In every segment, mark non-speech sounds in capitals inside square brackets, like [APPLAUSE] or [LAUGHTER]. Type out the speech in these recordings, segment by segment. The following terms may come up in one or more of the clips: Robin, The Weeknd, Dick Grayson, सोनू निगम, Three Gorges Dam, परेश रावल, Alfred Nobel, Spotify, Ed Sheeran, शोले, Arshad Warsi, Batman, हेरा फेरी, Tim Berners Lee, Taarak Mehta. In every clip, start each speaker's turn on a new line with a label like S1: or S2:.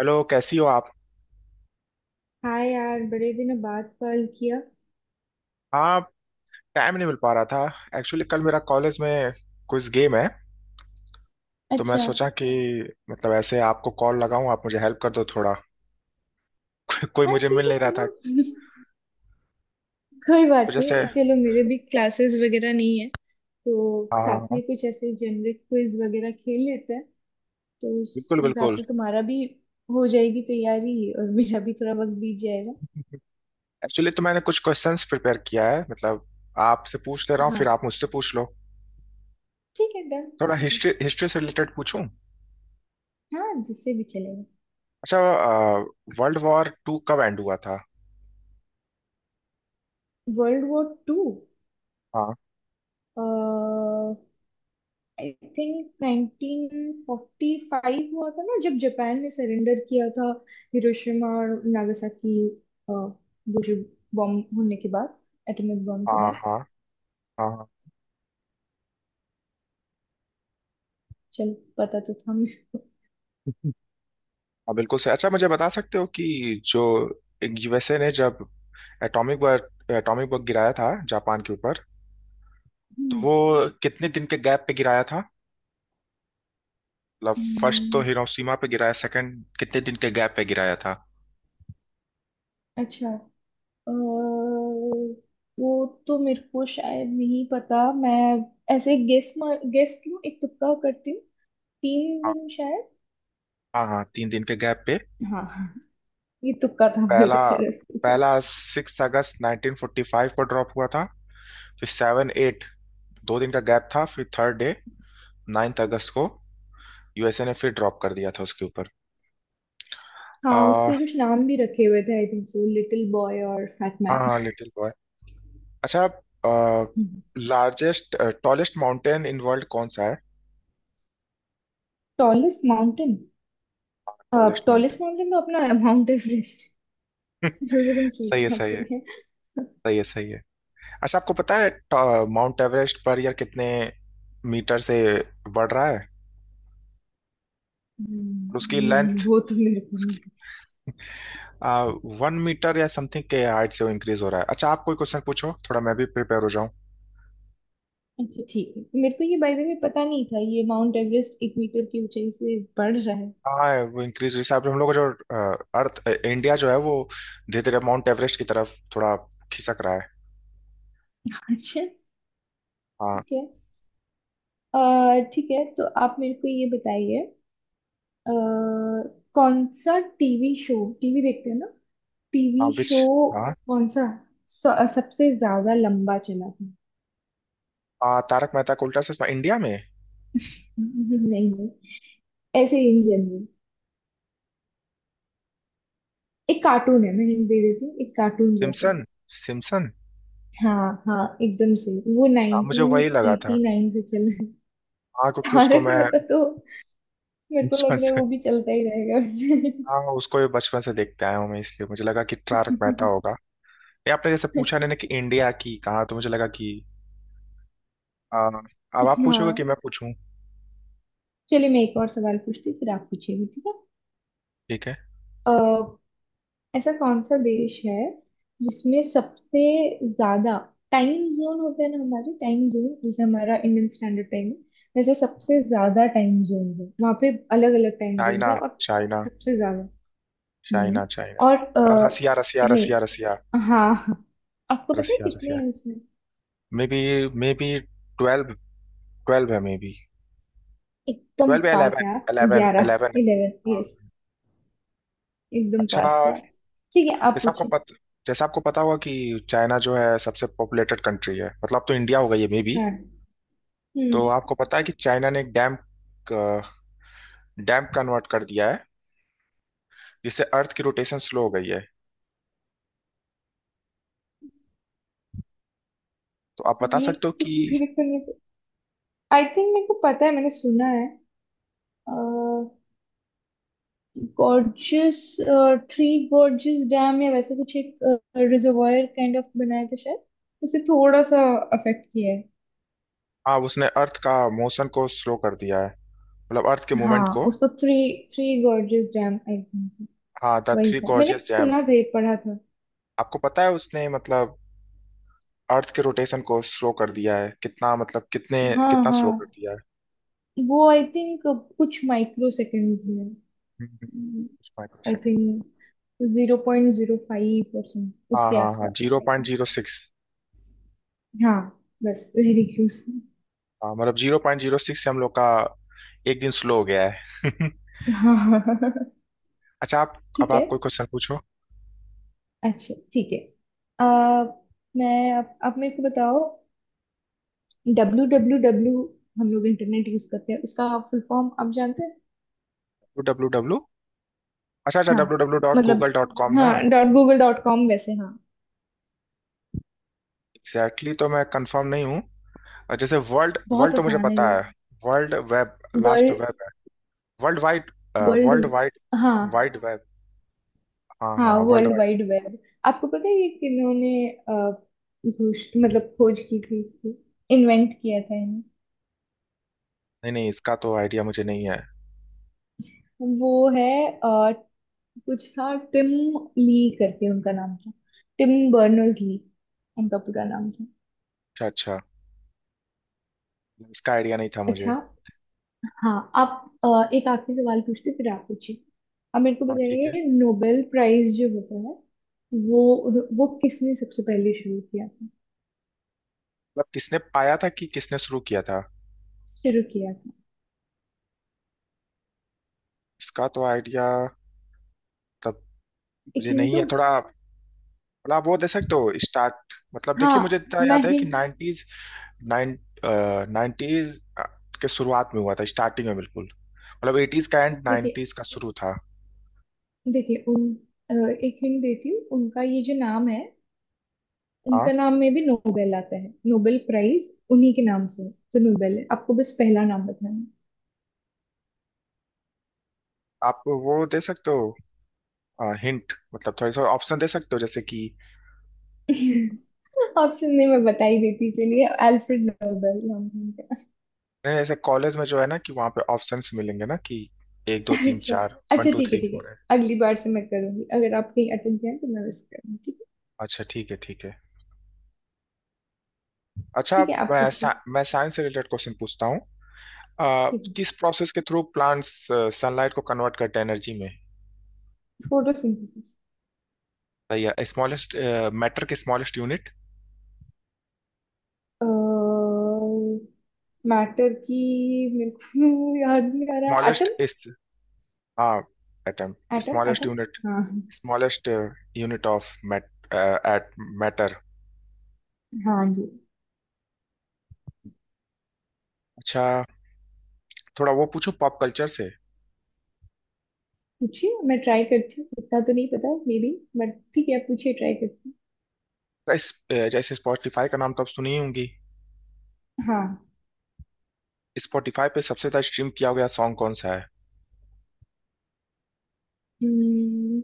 S1: Hello, कैसी हो आप।
S2: हाँ यार, बड़े दिनों बाद कॉल किया।
S1: हाँ। टाइम नहीं मिल पा रहा था। एक्चुअली कल मेरा कॉलेज में कुछ गेम है। तो मैं
S2: अच्छा।
S1: सोचा कि मतलब ऐसे आपको कॉल लगाऊं आप मुझे हेल्प कर दो थोड़ा। [LAUGHS] कोई
S2: हाँ,
S1: मुझे
S2: ठीक
S1: मिल
S2: है,
S1: नहीं रहा था।
S2: चलो। [LAUGHS] कोई
S1: तो
S2: बात
S1: जैसे
S2: नहीं,
S1: अच्छा।
S2: चलो, मेरे भी क्लासेस वगैरह नहीं है तो
S1: हाँ हाँ
S2: साथ
S1: हाँ,
S2: में कुछ ऐसे जेनरिक क्विज वगैरह खेल लेते हैं। तो उस
S1: बिल्कुल
S2: हिसाब
S1: बिल्कुल।
S2: से तुम्हारा भी हो जाएगी तैयारी और मेरा भी थोड़ा वक्त बीत जाएगा।
S1: एक्चुअली तो मैंने कुछ क्वेश्चंस प्रिपेयर किया है, मतलब आपसे पूछ ले रहा हूँ
S2: हाँ,
S1: फिर आप मुझसे पूछ लो।
S2: ठीक है, डन।
S1: थोड़ा हिस्ट्री हिस्ट्री से रिलेटेड पूछूं।
S2: हाँ, जिससे भी चलेगा।
S1: अच्छा, वर्ल्ड वॉर टू कब एंड हुआ था।
S2: World war two.
S1: हाँ
S2: आई थिंक 1945 हुआ था ना, जब जापान ने सरेंडर किया था। हिरोशिमा और नागासाकी। वो जो बॉम्ब होने के बाद, एटॉमिक बॉम्ब के
S1: हाँ।
S2: बाद।
S1: हाँ। हाँ हाँ।
S2: चल, पता तो था मुझे।
S1: [LAUGHS] हाँ, बिल्कुल सही। अच्छा मुझे बता सकते हो कि जो यूएसए ने जब एटॉमिक बॉम्ब गिराया था जापान के ऊपर, तो
S2: हम्म।
S1: वो कितने दिन के गैप पे गिराया था। मतलब फर्स्ट तो
S2: हम्म।
S1: हिरोशिमा पे गिराया, सेकंड कितने दिन के गैप पे गिराया था।
S2: अच्छा। अ, वो तो मेरे को शायद नहीं पता, मैं ऐसे गेस लूं, एक तुक्का करती हूँ। तीन
S1: हाँ।
S2: दिन शायद।
S1: हाँ हाँ, 3 दिन के गैप पे।
S2: हाँ, ये तुक्का था
S1: पहला
S2: मेरे तरफ से।
S1: पहला 6 अगस्त 1945 को ड्रॉप हुआ था। फिर सेवन एट 2 दिन का गैप था, फिर थर्ड डे 9th अगस्त को यूएसए ने फिर ड्रॉप कर दिया था उसके ऊपर।
S2: हाँ,
S1: आ,
S2: उसके कुछ नाम भी रखे हुए थे I think so, little boy और फैट मैन।
S1: हाँ लिटिल बॉय। अच्छा, largest tallest mountain in world कौन सा है।
S2: Tallest mountain.
S1: Tallest.
S2: Tallest mountain तो अपना है, माउंट एवरेस्ट। दूसरे [LAUGHS] दिन
S1: सही है
S2: सोचना
S1: सही है।
S2: पड़ेगा।
S1: सही है सही है। अच्छा, आपको पता है माउंट एवरेस्ट पर यार कितने मीटर से बढ़ रहा है और उसकी
S2: हम्म, नहीं,
S1: लेंथ,
S2: वो तो मेरे को नहीं पता।
S1: 1 मीटर या समथिंग के हाइट से वो इंक्रीज हो रहा है। अच्छा आप कोई क्वेश्चन पूछो, थोड़ा मैं भी प्रिपेयर हो जाऊं।
S2: अच्छा, ठीक है। मेरे को ये बाय द वे पता नहीं था ये माउंट एवरेस्ट 1 मीटर की ऊंचाई से बढ़ रहा है।
S1: हाँ, वो इंक्रीज जैसे आप हम लोग का जो अर्थ इंडिया जो है वो धीरे धीरे माउंट एवरेस्ट की तरफ थोड़ा खिसक रहा है।
S2: अच्छा,
S1: हाँ।
S2: ठीक है। अ, ठीक है तो आप मेरे को ये बताइए। अ, कौन सा टीवी शो। टीवी देखते हैं ना?
S1: हाँ
S2: टीवी
S1: विच
S2: शो
S1: हाँ।
S2: कौन सा सबसे ज्यादा लंबा चला था?
S1: हाँ तारक मेहता का उल्टा चश्मा इंडिया में।
S2: [LAUGHS] नहीं नहीं, ऐसे इन जनरल। एक कार्टून है, मैं हिंट दे देती हूँ, एक कार्टून जैसा।
S1: Simpson Simpson.
S2: हाँ हाँ, एकदम सही। वो
S1: हाँ मुझे वही लगा था।
S2: 1989 से चल रहा है।
S1: हाँ क्योंकि उसको
S2: तारक
S1: मैं
S2: मेहता तो
S1: [LAUGHS]
S2: मेरे को
S1: बचपन
S2: लग रहा है
S1: से।
S2: वो भी चलता ही रहेगा।
S1: हाँ उसको भी बचपन से देखते आया हूँ मैं, इसलिए मुझे लगा कि तारक
S2: वैसे।
S1: मेहता होगा। ये आपने जैसे पूछा नहीं ना कि इंडिया की, कहा तो मुझे लगा कि आ, अब आप
S2: [LAUGHS]
S1: पूछोगे कि
S2: हाँ,
S1: मैं पूछूं।
S2: चलिए मैं एक और सवाल पूछती हूँ, फिर आप पूछिए, ठीक है।
S1: ठीक है।
S2: अ, ऐसा कौन सा देश है जिसमें सबसे ज्यादा टाइम जोन होते हैं ना, हमारे टाइम जोन जैसे हमारा इंडियन स्टैंडर्ड टाइम है। वैसे सबसे ज्यादा टाइम जोन है वहां पे, अलग अलग टाइम जोन
S1: चाइना।
S2: है। और
S1: चाइना।
S2: सबसे ज्यादा नहीं।
S1: चाइना चाइना,
S2: और
S1: रसिया रसिया रसिया
S2: नहीं।
S1: रसिया।
S2: हाँ हाँ। आपको पता है
S1: रसिया
S2: कितने
S1: रसिया।
S2: हैं उसमें?
S1: Maybe. May be. 12। Twelve है मे बी।
S2: एकदम
S1: ट्वेल्व या
S2: पास
S1: इलेवन
S2: है आप।
S1: इलेवन
S2: 11।
S1: इलेवन है।
S2: 11,
S1: हाँ।
S2: यस। एकदम
S1: अच्छा।
S2: पास है आप। ठीक है, आप
S1: जैसा आपको
S2: पूछे।
S1: पता जैसा आपको पता होगा कि चाइना जो है सबसे पॉपुलेटेड कंट्री है, मतलब अब तो इंडिया होगा ये मे बी।
S2: हाँ।
S1: तो
S2: हम्म
S1: आपको पता है कि चाइना ने एक डैम, डैम्प कन्वर्ट कर दिया है, जिससे अर्थ की रोटेशन स्लो हो गई है। तो आप बता
S2: ये
S1: सकते हो
S2: तो
S1: कि
S2: मेरे को नहीं, आई थिंक मेरे को पता है, मैंने सुना है। गॉर्जियस थ्री गॉर्जियस डैम या वैसे कुछ एक रिजर्वायर काइंड ऑफ बनाया था शायद। उसे थोड़ा सा अफेक्ट किया है।
S1: हाँ उसने अर्थ का मोशन को स्लो कर दिया है मतलब अर्थ के मूवमेंट
S2: हाँ,
S1: को।
S2: उसको three three gorgeous dam I think.
S1: हाँ द
S2: वही
S1: थ्री
S2: था, मैंने
S1: गॉर्जियस डैम।
S2: सुना था, पढ़ा था।
S1: आपको पता है उसने मतलब अर्थ के रोटेशन को स्लो कर दिया है, कितना मतलब कितने,
S2: हाँ
S1: कितना स्लो कर
S2: हाँ,
S1: दिया है।
S2: वो आई थिंक कुछ माइक्रो सेकेंड्स में,
S1: कुछ माइक्रो
S2: आई
S1: सेकंड।
S2: थिंक। 0.05%
S1: हाँ
S2: उसके
S1: हाँ हाँ
S2: आसपास,
S1: zero
S2: I
S1: point zero
S2: think.
S1: Six
S2: हाँ, बस वेरी क्लोज।
S1: हाँ मतलब जीरो पॉइंट जीरो सिक्स से हम लोग का एक दिन स्लो हो गया है। [LAUGHS]
S2: हाँ, [LAUGHS]
S1: अच्छा आप, अब
S2: ठीक है।
S1: आप कोई क्वेश्चन पूछो।
S2: अच्छा, ठीक है। आ, मैं अब मेरे को बताओ। डब्ल्यू डब्ल्यू डब्ल्यू हम लोग इंटरनेट यूज करते हैं, उसका फुल फॉर्म आप जानते हैं?
S1: डब्ल्यू डब्ल्यू अच्छा अच्छा,
S2: हाँ,
S1: डब्ल्यू डब्ल्यू डॉट
S2: मतलब,
S1: गूगल डॉट कॉम ना।
S2: हाँ डॉट गूगल डॉट कॉम वैसे, हाँ।
S1: एग्जैक्टली, exactly तो मैं कंफर्म नहीं हूँ। और जैसे वर्ल्ड
S2: बहुत
S1: वर्ल्ड तो मुझे
S2: आसान है।
S1: पता है। World web last
S2: world,
S1: web है। World wide.
S2: World.
S1: World wide
S2: हाँ
S1: वाइड वेब। हाँ
S2: हाँ,
S1: हाँ world
S2: world
S1: wide.
S2: Wide web. आपको पता है ये किन्होंने घोष, मतलब खोज की थी इसकी, इन्वेंट किया था इन्हें।
S1: नहीं नहीं इसका तो आइडिया मुझे नहीं है।
S2: वो है, कुछ था, टिम ली करके उनका नाम था। टिम बर्नर्स ली उनका पूरा नाम था।
S1: अच्छा अच्छा। इसका आइडिया नहीं था मुझे।
S2: अच्छा। हाँ आप, एक आखिरी सवाल पूछते फिर आप पूछिए। अब मेरे को
S1: हाँ ठीक है।
S2: बताइए, नोबेल प्राइज जो होता है, वो किसने सबसे पहले शुरू किया था?
S1: मतलब किसने पाया था कि किसने शुरू किया था।
S2: शुरू किया था।
S1: इसका तो आइडिया तब
S2: एक
S1: मुझे
S2: हिंट
S1: नहीं है
S2: दूं?
S1: थोड़ा। थोड़ा आप वो दे सकते हो स्टार्ट, मतलब देखिए
S2: हाँ,
S1: मुझे इतना
S2: मैं
S1: याद है कि
S2: हिंट
S1: नाइन्टीज। नाइन नाइन्टीज के शुरुआत में हुआ था स्टार्टिंग में बिल्कुल, मतलब एटीज का एंड
S2: देखिए
S1: नाइन्टीज का शुरू था।
S2: देखिए उन अ, एक हिंट देती हूँ, उनका ये जो नाम है।
S1: हाँ
S2: उनका नाम में भी नोबेल आता है, नोबेल प्राइज उन्हीं के नाम से है। तो नोबेल है, आपको बस पहला नाम बताना है।
S1: आप वो दे सकते हो हिंट, मतलब थोड़ी सा ऑप्शन दे सकते हो जैसे कि
S2: [LAUGHS] ऑप्शन नहीं, मैं बता ही देती, चलिए, अल्फ्रेड नोबेल नाम है उनका।
S1: नहीं जैसे कॉलेज में जो है ना कि वहाँ पे ऑप्शंस मिलेंगे ना कि एक दो तीन
S2: अच्छा
S1: चार, वन
S2: अच्छा,
S1: टू
S2: ठीक है,
S1: थ्री
S2: ठीक है।
S1: फोर है।
S2: अगली बार से मैं करूंगी, अगर आप कहीं अटक जाए तो मैं मिस करूंगी, ठीक है।
S1: अच्छा ठीक है ठीक है। अच्छा
S2: ठीक
S1: अब
S2: है, आप
S1: मैं
S2: पूछिए।
S1: मैं साइंस से रिलेटेड क्वेश्चन पूछता हूँ।
S2: ठीक है।
S1: किस प्रोसेस के थ्रू प्लांट्स सनलाइट को कन्वर्ट करते हैं एनर्जी में।
S2: फोटोसिंथेसिस।
S1: सही है। स्मॉलेस्ट, मैटर के स्मॉलेस्ट यूनिट।
S2: मैटर की, मेरे को याद नहीं आ रहा,
S1: स्मॉलेस्ट
S2: एटम।
S1: इस, हाँ atom.
S2: Atom,
S1: smallest
S2: atom.
S1: Unit.
S2: हाँ
S1: smallest unit of mat at matter.
S2: हाँ जी।
S1: अच्छा, थोड़ा वो पूछूं पॉप कल्चर से।
S2: पूछिए, मैं ट्राई करती हूँ, इतना तो नहीं पता मे बी, बट ठीक है, आप पूछिए, ट्राई करती
S1: जैसे स्पॉटिफाई का नाम तो आप सुनी ही होंगी।
S2: हूँ। हाँ।
S1: स्पॉटिफाई पे सबसे ज्यादा स्ट्रीम किया गया सॉन्ग कौन सा है।
S2: हम्म।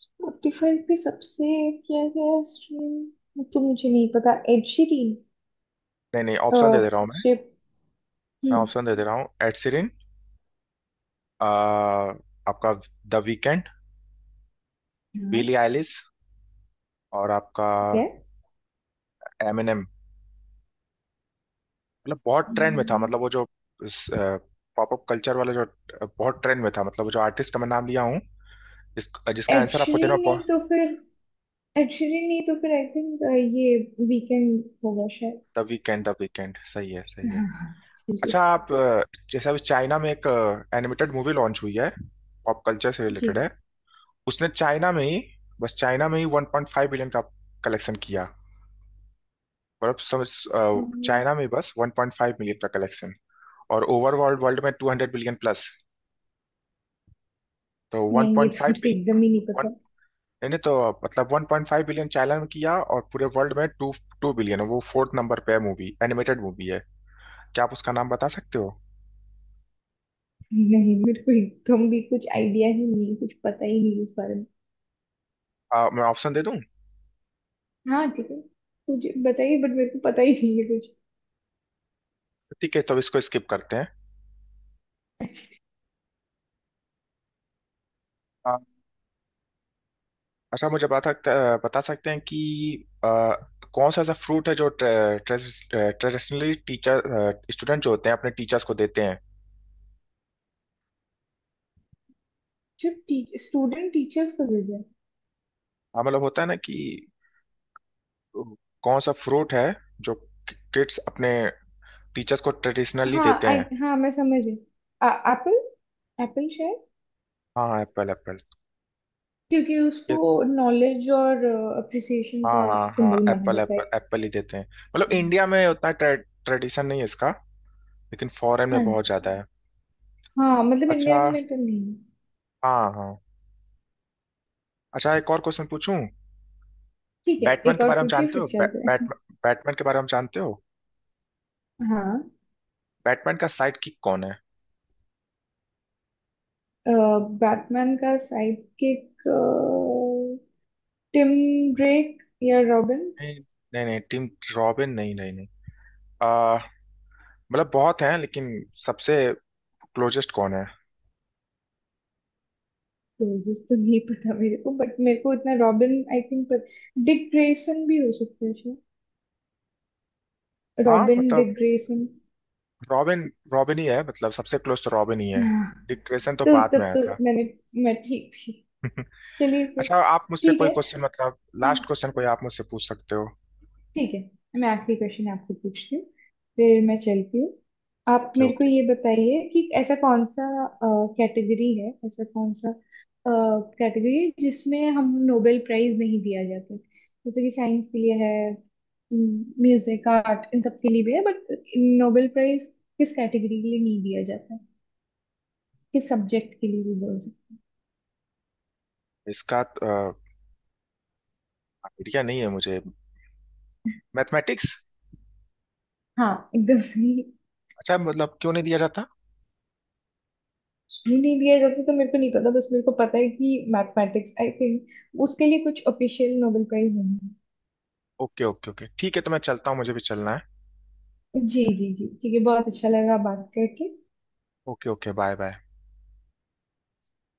S2: स्पॉटिफाई पे सबसे, क्या है, स्ट्रीम तो मुझे नहीं पता। Ed Sheeran.
S1: नहीं नहीं, ऑप्शन दे
S2: अह
S1: दे रहा हूँ मैं
S2: शिप।
S1: मैं
S2: हम्म
S1: ऑप्शन दे दे रहा हूँ। एड सीरिन, आपका, द वीकेंड, बिली
S2: हाँ,
S1: आइलिस, और आपका
S2: ठीक है।
S1: एमिनेम। मतलब बहुत ट्रेंड में था,
S2: हम्म,
S1: मतलब वो जो पॉपअप कल्चर वाला जो बहुत ट्रेंड में था, मतलब वो जो आर्टिस्ट का मैं नाम लिया हूँ जिस, जिसका
S2: एड
S1: आंसर आपको देना।
S2: शीरन नहीं तो फिर एड शीरन नहीं तो फिर आई थिंक ये वीकेंड होगा शायद।
S1: द वीकेंड, द वीकेंड सही है सही है।
S2: हाँ हाँ,
S1: अच्छा
S2: चलिए।
S1: आप जैसे अभी चाइना में एक एनिमेटेड मूवी लॉन्च हुई है, पॉप कल्चर से
S2: जी।
S1: रिलेटेड है। उसने चाइना में ही, बस चाइना में ही 1.5 बिलियन का कलेक्शन किया और अब समझ,
S2: अम्म,
S1: चाइना में बस 1.5 मिलियन का कलेक्शन, और ओवर वर्ल्ड वर्ल्ड में 200 बिलियन प्लस, तो
S2: नहीं, ये तो
S1: 1.5
S2: मेरे को
S1: बिलियन।
S2: एकदम ही नहीं
S1: वन
S2: पता।
S1: नहीं नहीं, तो मतलब 1.5 बिलियन चाइना में किया और पूरे वर्ल्ड में टू टू बिलियन, वो फोर्थ नंबर पे है मूवी, एनिमेटेड मूवी है। क्या आप उसका नाम बता सकते हो।
S2: नहीं, मेरे को एकदम भी कुछ आइडिया ही नहीं, कुछ पता ही नहीं इस बारे में।
S1: मैं ऑप्शन दे,
S2: हाँ, ठीक है, कुछ बताइए बट मेरे को पता ही नहीं है कुछ।
S1: ठीक है तो अब इसको स्किप करते हैं। आ, अच्छा मुझे बता सकते, बता सकते हैं कि आ, कौन सा ऐसा फ्रूट है जो ट्रेडिशनली टीचर स्टूडेंट जो होते हैं अपने टीचर्स को देते हैं।
S2: जो स्टूडेंट टीचर्स का।
S1: हाँ मतलब होता है ना कि कौन सा फ्रूट है जो किड्स अपने टीचर्स को ट्रेडिशनली
S2: हाँ
S1: देते
S2: आई
S1: हैं।
S2: हाँ मैं समझ रही हूँ। एप्पल, एप्पल शायद।
S1: हाँ एप्पल एप्पल
S2: क्योंकि
S1: ये,
S2: उसको नॉलेज और अप्रिसिएशन
S1: हाँ
S2: का
S1: हाँ हाँ
S2: सिंबल माना
S1: एप्पल
S2: जाता
S1: एप्पल
S2: है।
S1: एप्पल ही देते हैं, मतलब इंडिया में उतना ट्रेडिशन नहीं है इसका, लेकिन फॉरेन में
S2: हाँ
S1: बहुत ज्यादा है।
S2: हाँ, मतलब
S1: अच्छा
S2: इंडिया में तो नहीं।
S1: हाँ हाँ। अच्छा एक और क्वेश्चन पूछूं।
S2: ठीक है,
S1: बैटमैन
S2: एक
S1: के
S2: और
S1: बारे में
S2: पूछिए
S1: जानते
S2: फिर
S1: हो
S2: चलते हैं।
S1: बैटमैन के बारे में जानते हो,
S2: हाँ।
S1: बैटमैन का साइड किक कौन है।
S2: बैटमैन का साइड किक, टिम ड्रेक या रॉबिन।
S1: नहीं नहीं नहीं टिम, रॉबिन नहीं नहीं नहीं, आ, मतलब बहुत हैं लेकिन सबसे क्लोजेस्ट कौन है।
S2: क्लोजेस तो नहीं पता मेरे को, बट मेरे को इतना रॉबिन आई थिंक, पर डिक ग्रेसन भी हो सकता है शायद।
S1: हाँ
S2: रॉबिन, डिक
S1: मतलब
S2: ग्रेसन।
S1: रॉबिन रॉबिन रॉबिन ही है, मतलब सबसे क्लोज तो रॉबिन ही है।
S2: हाँ,
S1: डिक ग्रेसन तो
S2: तो
S1: बाद में
S2: तब
S1: आया
S2: तो
S1: था।
S2: मैं ठीक थी।
S1: [LAUGHS] अच्छा
S2: चलिए फिर।
S1: आप मुझसे
S2: ठीक
S1: कोई
S2: है।
S1: क्वेश्चन मतलब,
S2: हम
S1: लास्ट क्वेश्चन कोई आप मुझसे पूछ सकते हो।
S2: ठीक है। मैं आखिरी क्वेश्चन आपको पूछती हूँ, फिर मैं चलती हूँ। आप मेरे को
S1: क्योंकि
S2: ये बताइए कि ऐसा कौन सा कैटेगरी जिसमें हम नोबेल प्राइज नहीं दिया जाता, जैसे कि साइंस के लिए है। म्यूजिक, आर्ट, इन सब के लिए भी है, बट नोबेल प्राइज किस कैटेगरी के लिए नहीं दिया जाता है? किस सब्जेक्ट के लिए भी बोल सकते हैं।
S1: इसका आइडिया नहीं है मुझे। मैथमेटिक्स।
S2: हाँ, एकदम सही।
S1: अच्छा मतलब क्यों नहीं दिया जाता।
S2: क्यों नहीं दिया जाता, तो मेरे को नहीं पता, बस मेरे को पता है कि मैथमेटिक्स आई थिंक उसके लिए कुछ ऑफिशियल नोबेल प्राइज नहीं
S1: ओके ओके ओके ठीक है तो मैं चलता हूँ मुझे भी चलना है।
S2: है। जी जी जी, ठीक है, बहुत अच्छा लगा बात करके।
S1: Okay okay bye bye.